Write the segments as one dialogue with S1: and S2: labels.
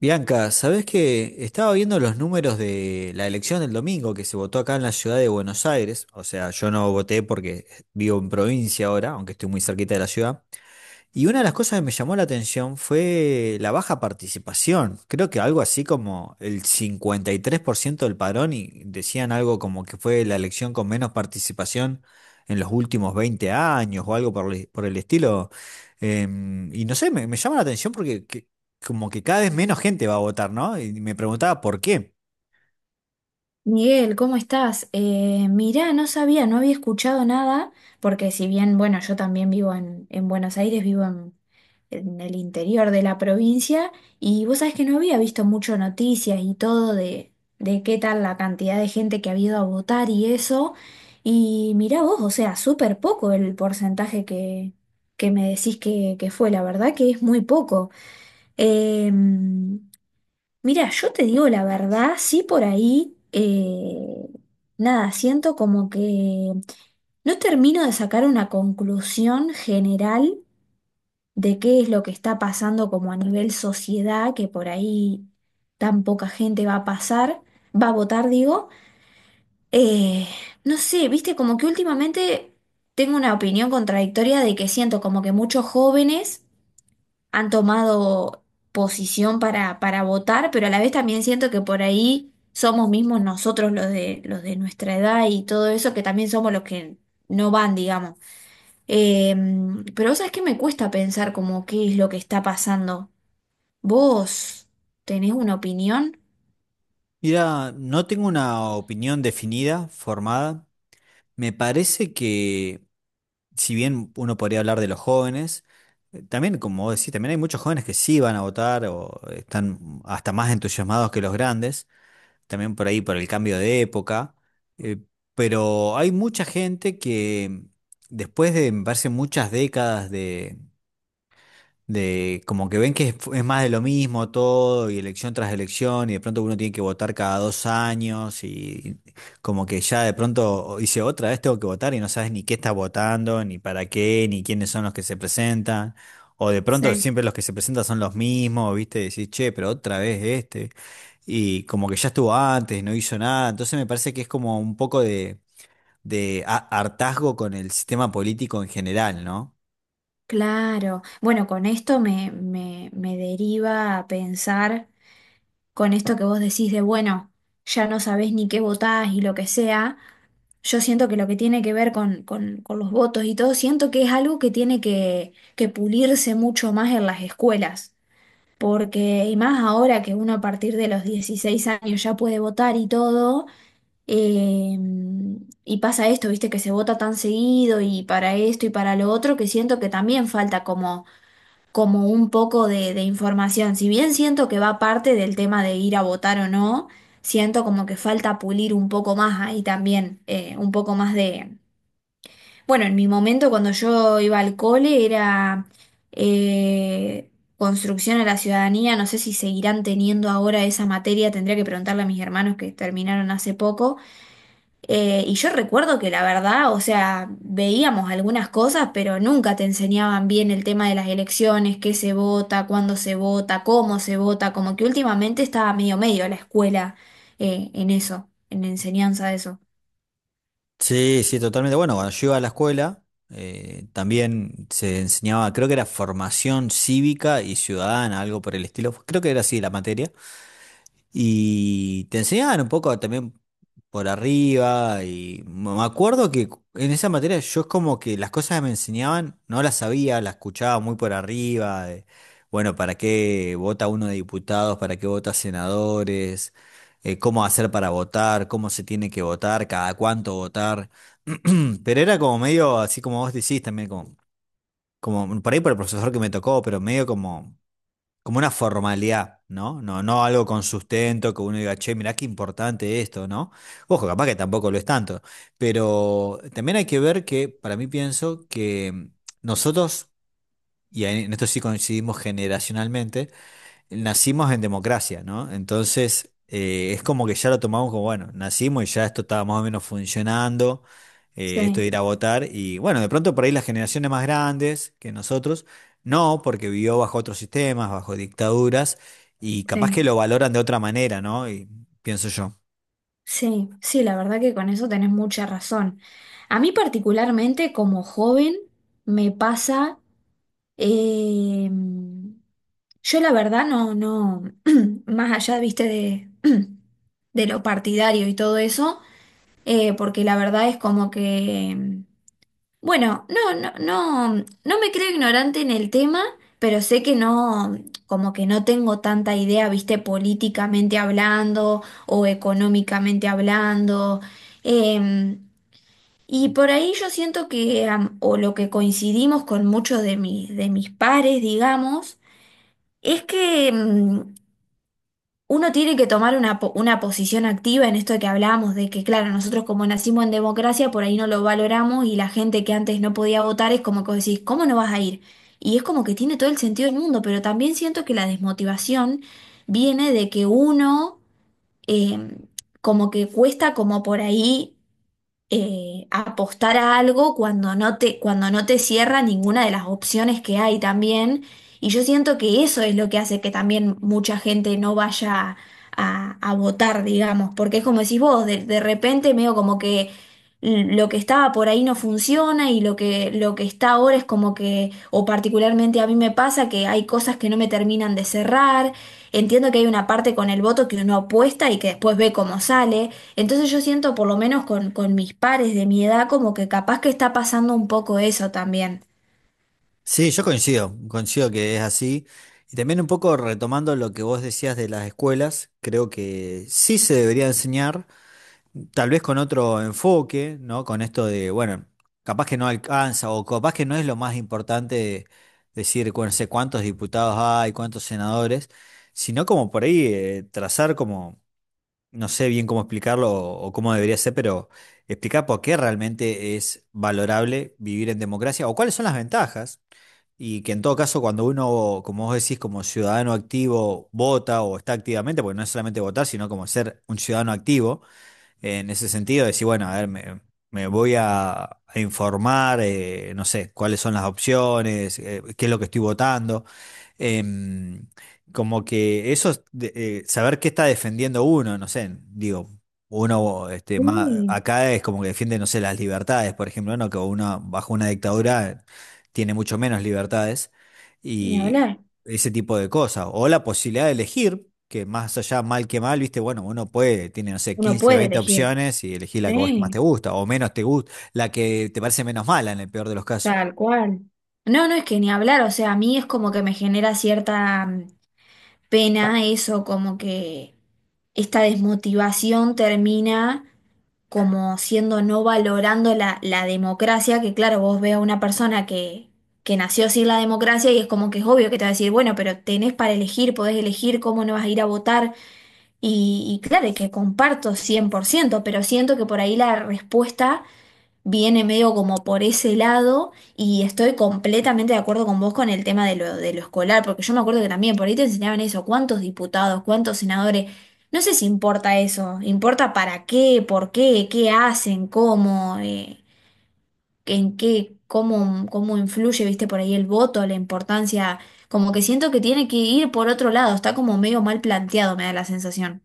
S1: Bianca, ¿sabés que Estaba viendo los números de la elección del domingo que se votó acá en la ciudad de Buenos Aires? O sea, yo no voté porque vivo en provincia ahora, aunque estoy muy cerquita de la ciudad. Y una de las cosas que me llamó la atención fue la baja participación. Creo que algo así como el 53% del padrón, y decían algo como que fue la elección con menos participación en los últimos 20 años o algo por el estilo. Y no sé, me llama la atención como que cada vez menos gente va a votar, ¿no? Y me preguntaba por qué.
S2: Miguel, ¿cómo estás? Mirá, no sabía, no había escuchado nada, porque si bien, bueno, yo también vivo en, Buenos Aires, vivo en el interior de la provincia, y vos sabés que no había visto mucho noticias y todo de qué tal la cantidad de gente que ha ido a votar y eso, y mirá vos, o sea, súper poco el porcentaje que, me decís que fue, la verdad que es muy poco. Eh, Mira, yo te digo la verdad, sí por ahí, nada, siento como que no termino de sacar una conclusión general de qué es lo que está pasando como a nivel sociedad, que por ahí tan poca gente va a votar, digo. Eh, no sé, viste, como que últimamente tengo una opinión contradictoria de que siento como que muchos jóvenes han tomado posición para, votar, pero a la vez también siento que por ahí somos mismos nosotros los de nuestra edad y todo eso, que también somos los que no van, digamos. Eh, pero sabes que me cuesta pensar como qué es lo que está pasando. ¿Vos tenés una opinión?
S1: Mira, no tengo una opinión definida, formada. Me parece que si bien uno podría hablar de los jóvenes, también, como vos decís, también hay muchos jóvenes que sí van a votar o están hasta más entusiasmados que los grandes, también por ahí por el cambio de época, eh, pero hay mucha gente que después de, me parece, muchas décadas de como que ven que es más de lo mismo todo y elección tras elección, y de pronto uno tiene que votar cada 2 años y como que ya de pronto dice otra vez tengo que votar y no sabes ni qué estás votando, ni para qué, ni quiénes son los que se presentan. O de pronto
S2: Sí.
S1: siempre los que se presentan son los mismos, ¿viste? Decís, che, pero otra vez este. Y como que ya estuvo antes, no hizo nada. Entonces me parece que es como un poco hartazgo con el sistema político en general, ¿no?
S2: Claro. Bueno, con esto me deriva a pensar, con esto que vos decís de, bueno, ya no sabés ni qué votás y lo que sea, yo siento que lo que tiene que ver con, con los votos y todo, siento que es algo que tiene que pulirse mucho más en las escuelas, porque y más ahora que uno a partir de los 16 años ya puede votar y todo, eh, y pasa esto, viste, que se vota tan seguido y para esto y para lo otro, que siento que también falta como un poco de información. Si bien siento que va aparte del tema de ir a votar o no, siento como que falta pulir un poco más ahí también, un poco más de. Bueno, en mi momento cuando yo iba al cole era eh, construcción a la ciudadanía, no sé si seguirán teniendo ahora esa materia, tendría que preguntarle a mis hermanos que terminaron hace poco, y yo recuerdo que la verdad, o sea, veíamos algunas cosas, pero nunca te enseñaban bien el tema de las elecciones, qué se vota, cuándo se vota, cómo se vota, como que últimamente estaba medio medio la escuela en eso, en la enseñanza de eso.
S1: Sí, sí, totalmente. Bueno, cuando yo iba a la escuela, también se enseñaba, creo que era formación cívica y ciudadana, algo por el estilo. Creo que era así la materia. Y te enseñaban un poco también por arriba, y me acuerdo que en esa materia yo es como que las cosas que me enseñaban no las sabía, las escuchaba muy por arriba. De bueno, ¿para qué vota uno de diputados? ¿Para qué vota senadores? ¿Cómo hacer para votar? ¿Cómo se tiene que votar? ¿Cada cuánto votar? Pero era como medio, así como vos decís también, como, como por ahí por el profesor que me tocó, pero medio como como una formalidad, ¿no? No, no algo con sustento, que uno diga, che, mirá qué importante esto, ¿no? Ojo, capaz que tampoco lo es tanto, pero también hay que ver que, para mí pienso que nosotros, y en esto sí coincidimos generacionalmente, nacimos en democracia, ¿no? Entonces, es como que ya lo tomamos como, bueno, nacimos y ya esto estaba más o menos funcionando, esto de
S2: Sí,
S1: ir a votar, y bueno, de pronto por ahí las generaciones más grandes que nosotros, no, porque vivió bajo otros sistemas, bajo dictaduras, y capaz que
S2: sí,
S1: lo valoran de otra manera, ¿no? Y pienso yo.
S2: sí, sí, la verdad que con eso tenés mucha razón. A mí particularmente como joven me pasa. Eh, yo la verdad no, no, más allá, viste, de, de lo partidario y todo eso, porque la verdad es como que, bueno, no, no, no, no me creo ignorante en el tema, pero sé que no, como que no tengo tanta idea, viste, políticamente hablando o económicamente hablando. Em, y por ahí yo siento que, o lo que coincidimos con muchos de mis, pares, digamos, es que uno tiene que tomar una posición activa en esto que hablábamos, de que, claro, nosotros como nacimos en democracia, por ahí no lo valoramos y la gente que antes no podía votar es como que vos decís, ¿cómo no vas a ir? Y es como que tiene todo el sentido del mundo, pero también siento que la desmotivación viene de que uno, em, como que cuesta como por ahí apostar a algo cuando no te, cierra ninguna de las opciones que hay también. Y yo siento que eso es lo que hace que también mucha gente no vaya a, votar, digamos, porque es como decís vos, de repente medio como que lo que estaba por ahí no funciona y lo que está ahora es como que, o particularmente a mí me pasa que hay cosas que no me terminan de cerrar. Entiendo que hay una parte con el voto que uno apuesta y que después ve cómo sale. Entonces yo siento, por lo menos con mis pares de mi edad, como que capaz que está pasando un poco eso también.
S1: Sí, yo coincido, coincido que es así. Y también un poco retomando lo que vos decías de las escuelas, creo que sí se debería enseñar, tal vez con otro enfoque, ¿no? Con esto de, bueno, capaz que no alcanza o capaz que no es lo más importante decir, no sé cuántos diputados hay, cuántos senadores, sino como por ahí trazar como, no sé bien cómo explicarlo o cómo debería ser, pero explicar por qué realmente es valorable vivir en democracia o cuáles son las ventajas. Y que en todo caso, cuando uno, como vos decís, como ciudadano activo, vota o está activamente, porque no es solamente votar, sino como ser un ciudadano activo, en ese sentido, decir, bueno, a ver, me voy a informar, no sé, cuáles son las opciones, qué es lo que estoy votando. Em, Como que eso, es saber qué está defendiendo uno, no sé, digo, uno este,
S2: Sí,
S1: acá es como que defiende, no sé, las libertades, por ejemplo, ¿no? Que uno bajo una dictadura tiene mucho menos libertades
S2: ni
S1: y
S2: hablar.
S1: ese tipo de cosas. O la posibilidad de elegir, que más allá mal que mal, viste, bueno, uno puede, tiene, no sé,
S2: Uno
S1: quince
S2: puede
S1: veinte
S2: elegir.
S1: opciones y elegir la que vos más
S2: Sí,
S1: te gusta o menos te gusta, la que te parece menos mala en el peor de los casos.
S2: tal cual. No, no es que ni hablar, o sea, a mí es como que me genera cierta pena eso, como que esta desmotivación termina como siendo no valorando la, democracia, que claro, vos ve a una persona que nació sin la democracia y es como que es obvio que te va a decir, bueno, pero tenés para elegir, podés elegir cómo no vas a ir a votar. Y claro, y que comparto 100%, pero siento que por ahí la respuesta viene medio como por ese lado y estoy completamente de acuerdo con vos con el tema de lo, escolar, porque yo me acuerdo que también por ahí te enseñaban eso, cuántos diputados, cuántos senadores, no sé si importa eso, importa para qué, por qué, qué hacen, cómo, en qué, cómo influye, viste, por ahí el voto, la importancia, como que siento que tiene que ir por otro lado, está como medio mal planteado, me da la sensación.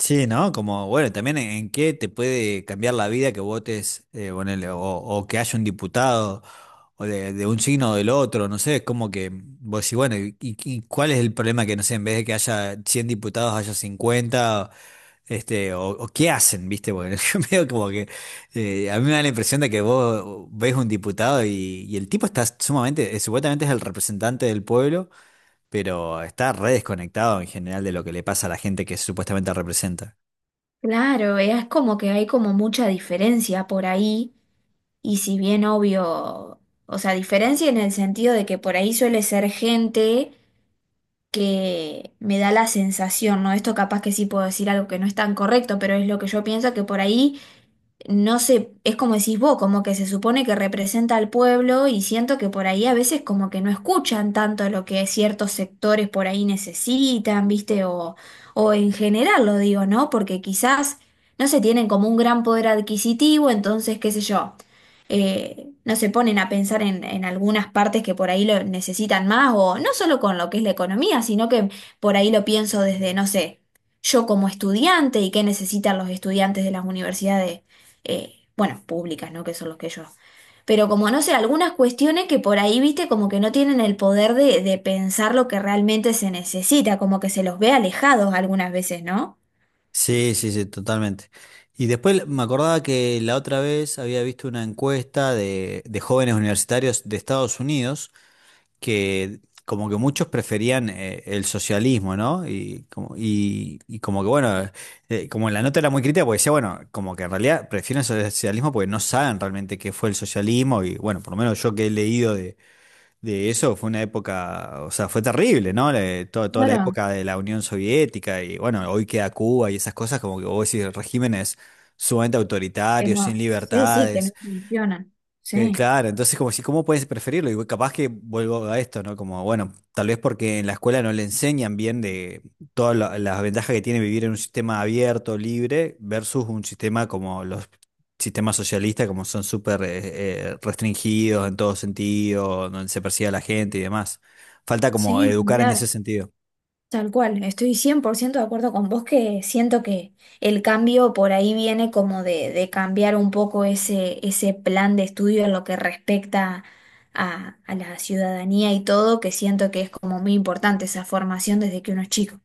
S1: Sí, ¿no? Como, bueno, también en qué te puede cambiar la vida que votes, ponele, o que haya un diputado, o de un signo o del otro, no sé, es como que vos decís, bueno, ¿y, y cuál es el problema que, no sé, en vez de que haya 100 diputados, haya 50, este, o qué hacen, viste? Bueno, yo medio como que, a mí me da la impresión de que vos ves un diputado y el tipo está sumamente, supuestamente es el representante del pueblo, pero está re desconectado en general de lo que le pasa a la gente que supuestamente representa.
S2: Claro, es como que hay como mucha diferencia por ahí. Y si bien obvio, o sea, diferencia en el sentido de que por ahí suele ser gente que me da la sensación, ¿no? Esto capaz que sí puedo decir algo que no es tan correcto, pero es lo que yo pienso, que por ahí no sé, es como decís vos, como que se supone que representa al pueblo y siento que por ahí a veces como que no escuchan tanto lo que ciertos sectores por ahí necesitan, ¿viste? O en general lo digo, ¿no? Porque quizás no se tienen como un gran poder adquisitivo, entonces, qué sé yo, no se ponen a pensar en, algunas partes que por ahí lo necesitan más, o no solo con lo que es la economía, sino que por ahí lo pienso desde, no sé. Yo como estudiante y qué necesitan los estudiantes de las universidades bueno, públicas, ¿no? Que son los que yo. Pero como no sé, algunas cuestiones que por ahí, viste, como que no tienen el poder de, pensar lo que realmente se necesita, como que se los ve alejados algunas veces, ¿no?
S1: Sí, sí, sí, totalmente. Y después me acordaba que la otra vez había visto una encuesta de jóvenes universitarios de Estados Unidos, que como que muchos preferían el socialismo, ¿no? Y como que bueno, como la nota era muy crítica, porque decía, bueno, como que en realidad prefieren el socialismo porque no saben realmente qué fue el socialismo, y bueno, por lo menos yo que he leído de eso, fue una época, o sea, fue terrible, ¿no? Toda la
S2: Claro,
S1: época de la Unión Soviética, y bueno, hoy queda Cuba y esas cosas como que vos decís, regímenes sumamente
S2: que
S1: autoritarios, sin
S2: no. Sí, sí, que no
S1: libertades.
S2: funcionan. Sí,
S1: Claro, entonces como si, ¿cómo puedes preferirlo? Y capaz que vuelvo a esto, ¿no? Como, bueno, tal vez porque en la escuela no le enseñan bien de todas las ventajas que tiene vivir en un sistema abierto, libre, versus un sistema como los sistemas socialistas, como son súper restringidos en todo sentido, donde se persigue a la gente y demás. Falta como
S2: sí,
S1: educar
S2: ni
S1: en
S2: hablar.
S1: ese sentido.
S2: Tal cual, estoy 100% de acuerdo con vos que siento que el cambio por ahí viene como de, cambiar un poco ese plan de estudio en lo que respecta a la ciudadanía y todo, que siento que es como muy importante esa formación desde que uno es chico.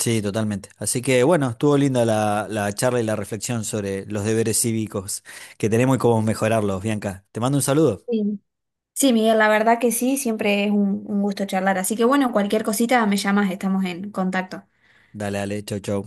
S1: Sí, totalmente. Así que bueno, estuvo linda la, la charla y la reflexión sobre los deberes cívicos que tenemos y cómo mejorarlos, Bianca. Te mando un saludo.
S2: Sí, sí, Miguel, la verdad que sí, siempre es un, gusto charlar. Así que bueno, cualquier cosita me llamas, estamos en contacto.
S1: Dale, dale, chau, chau.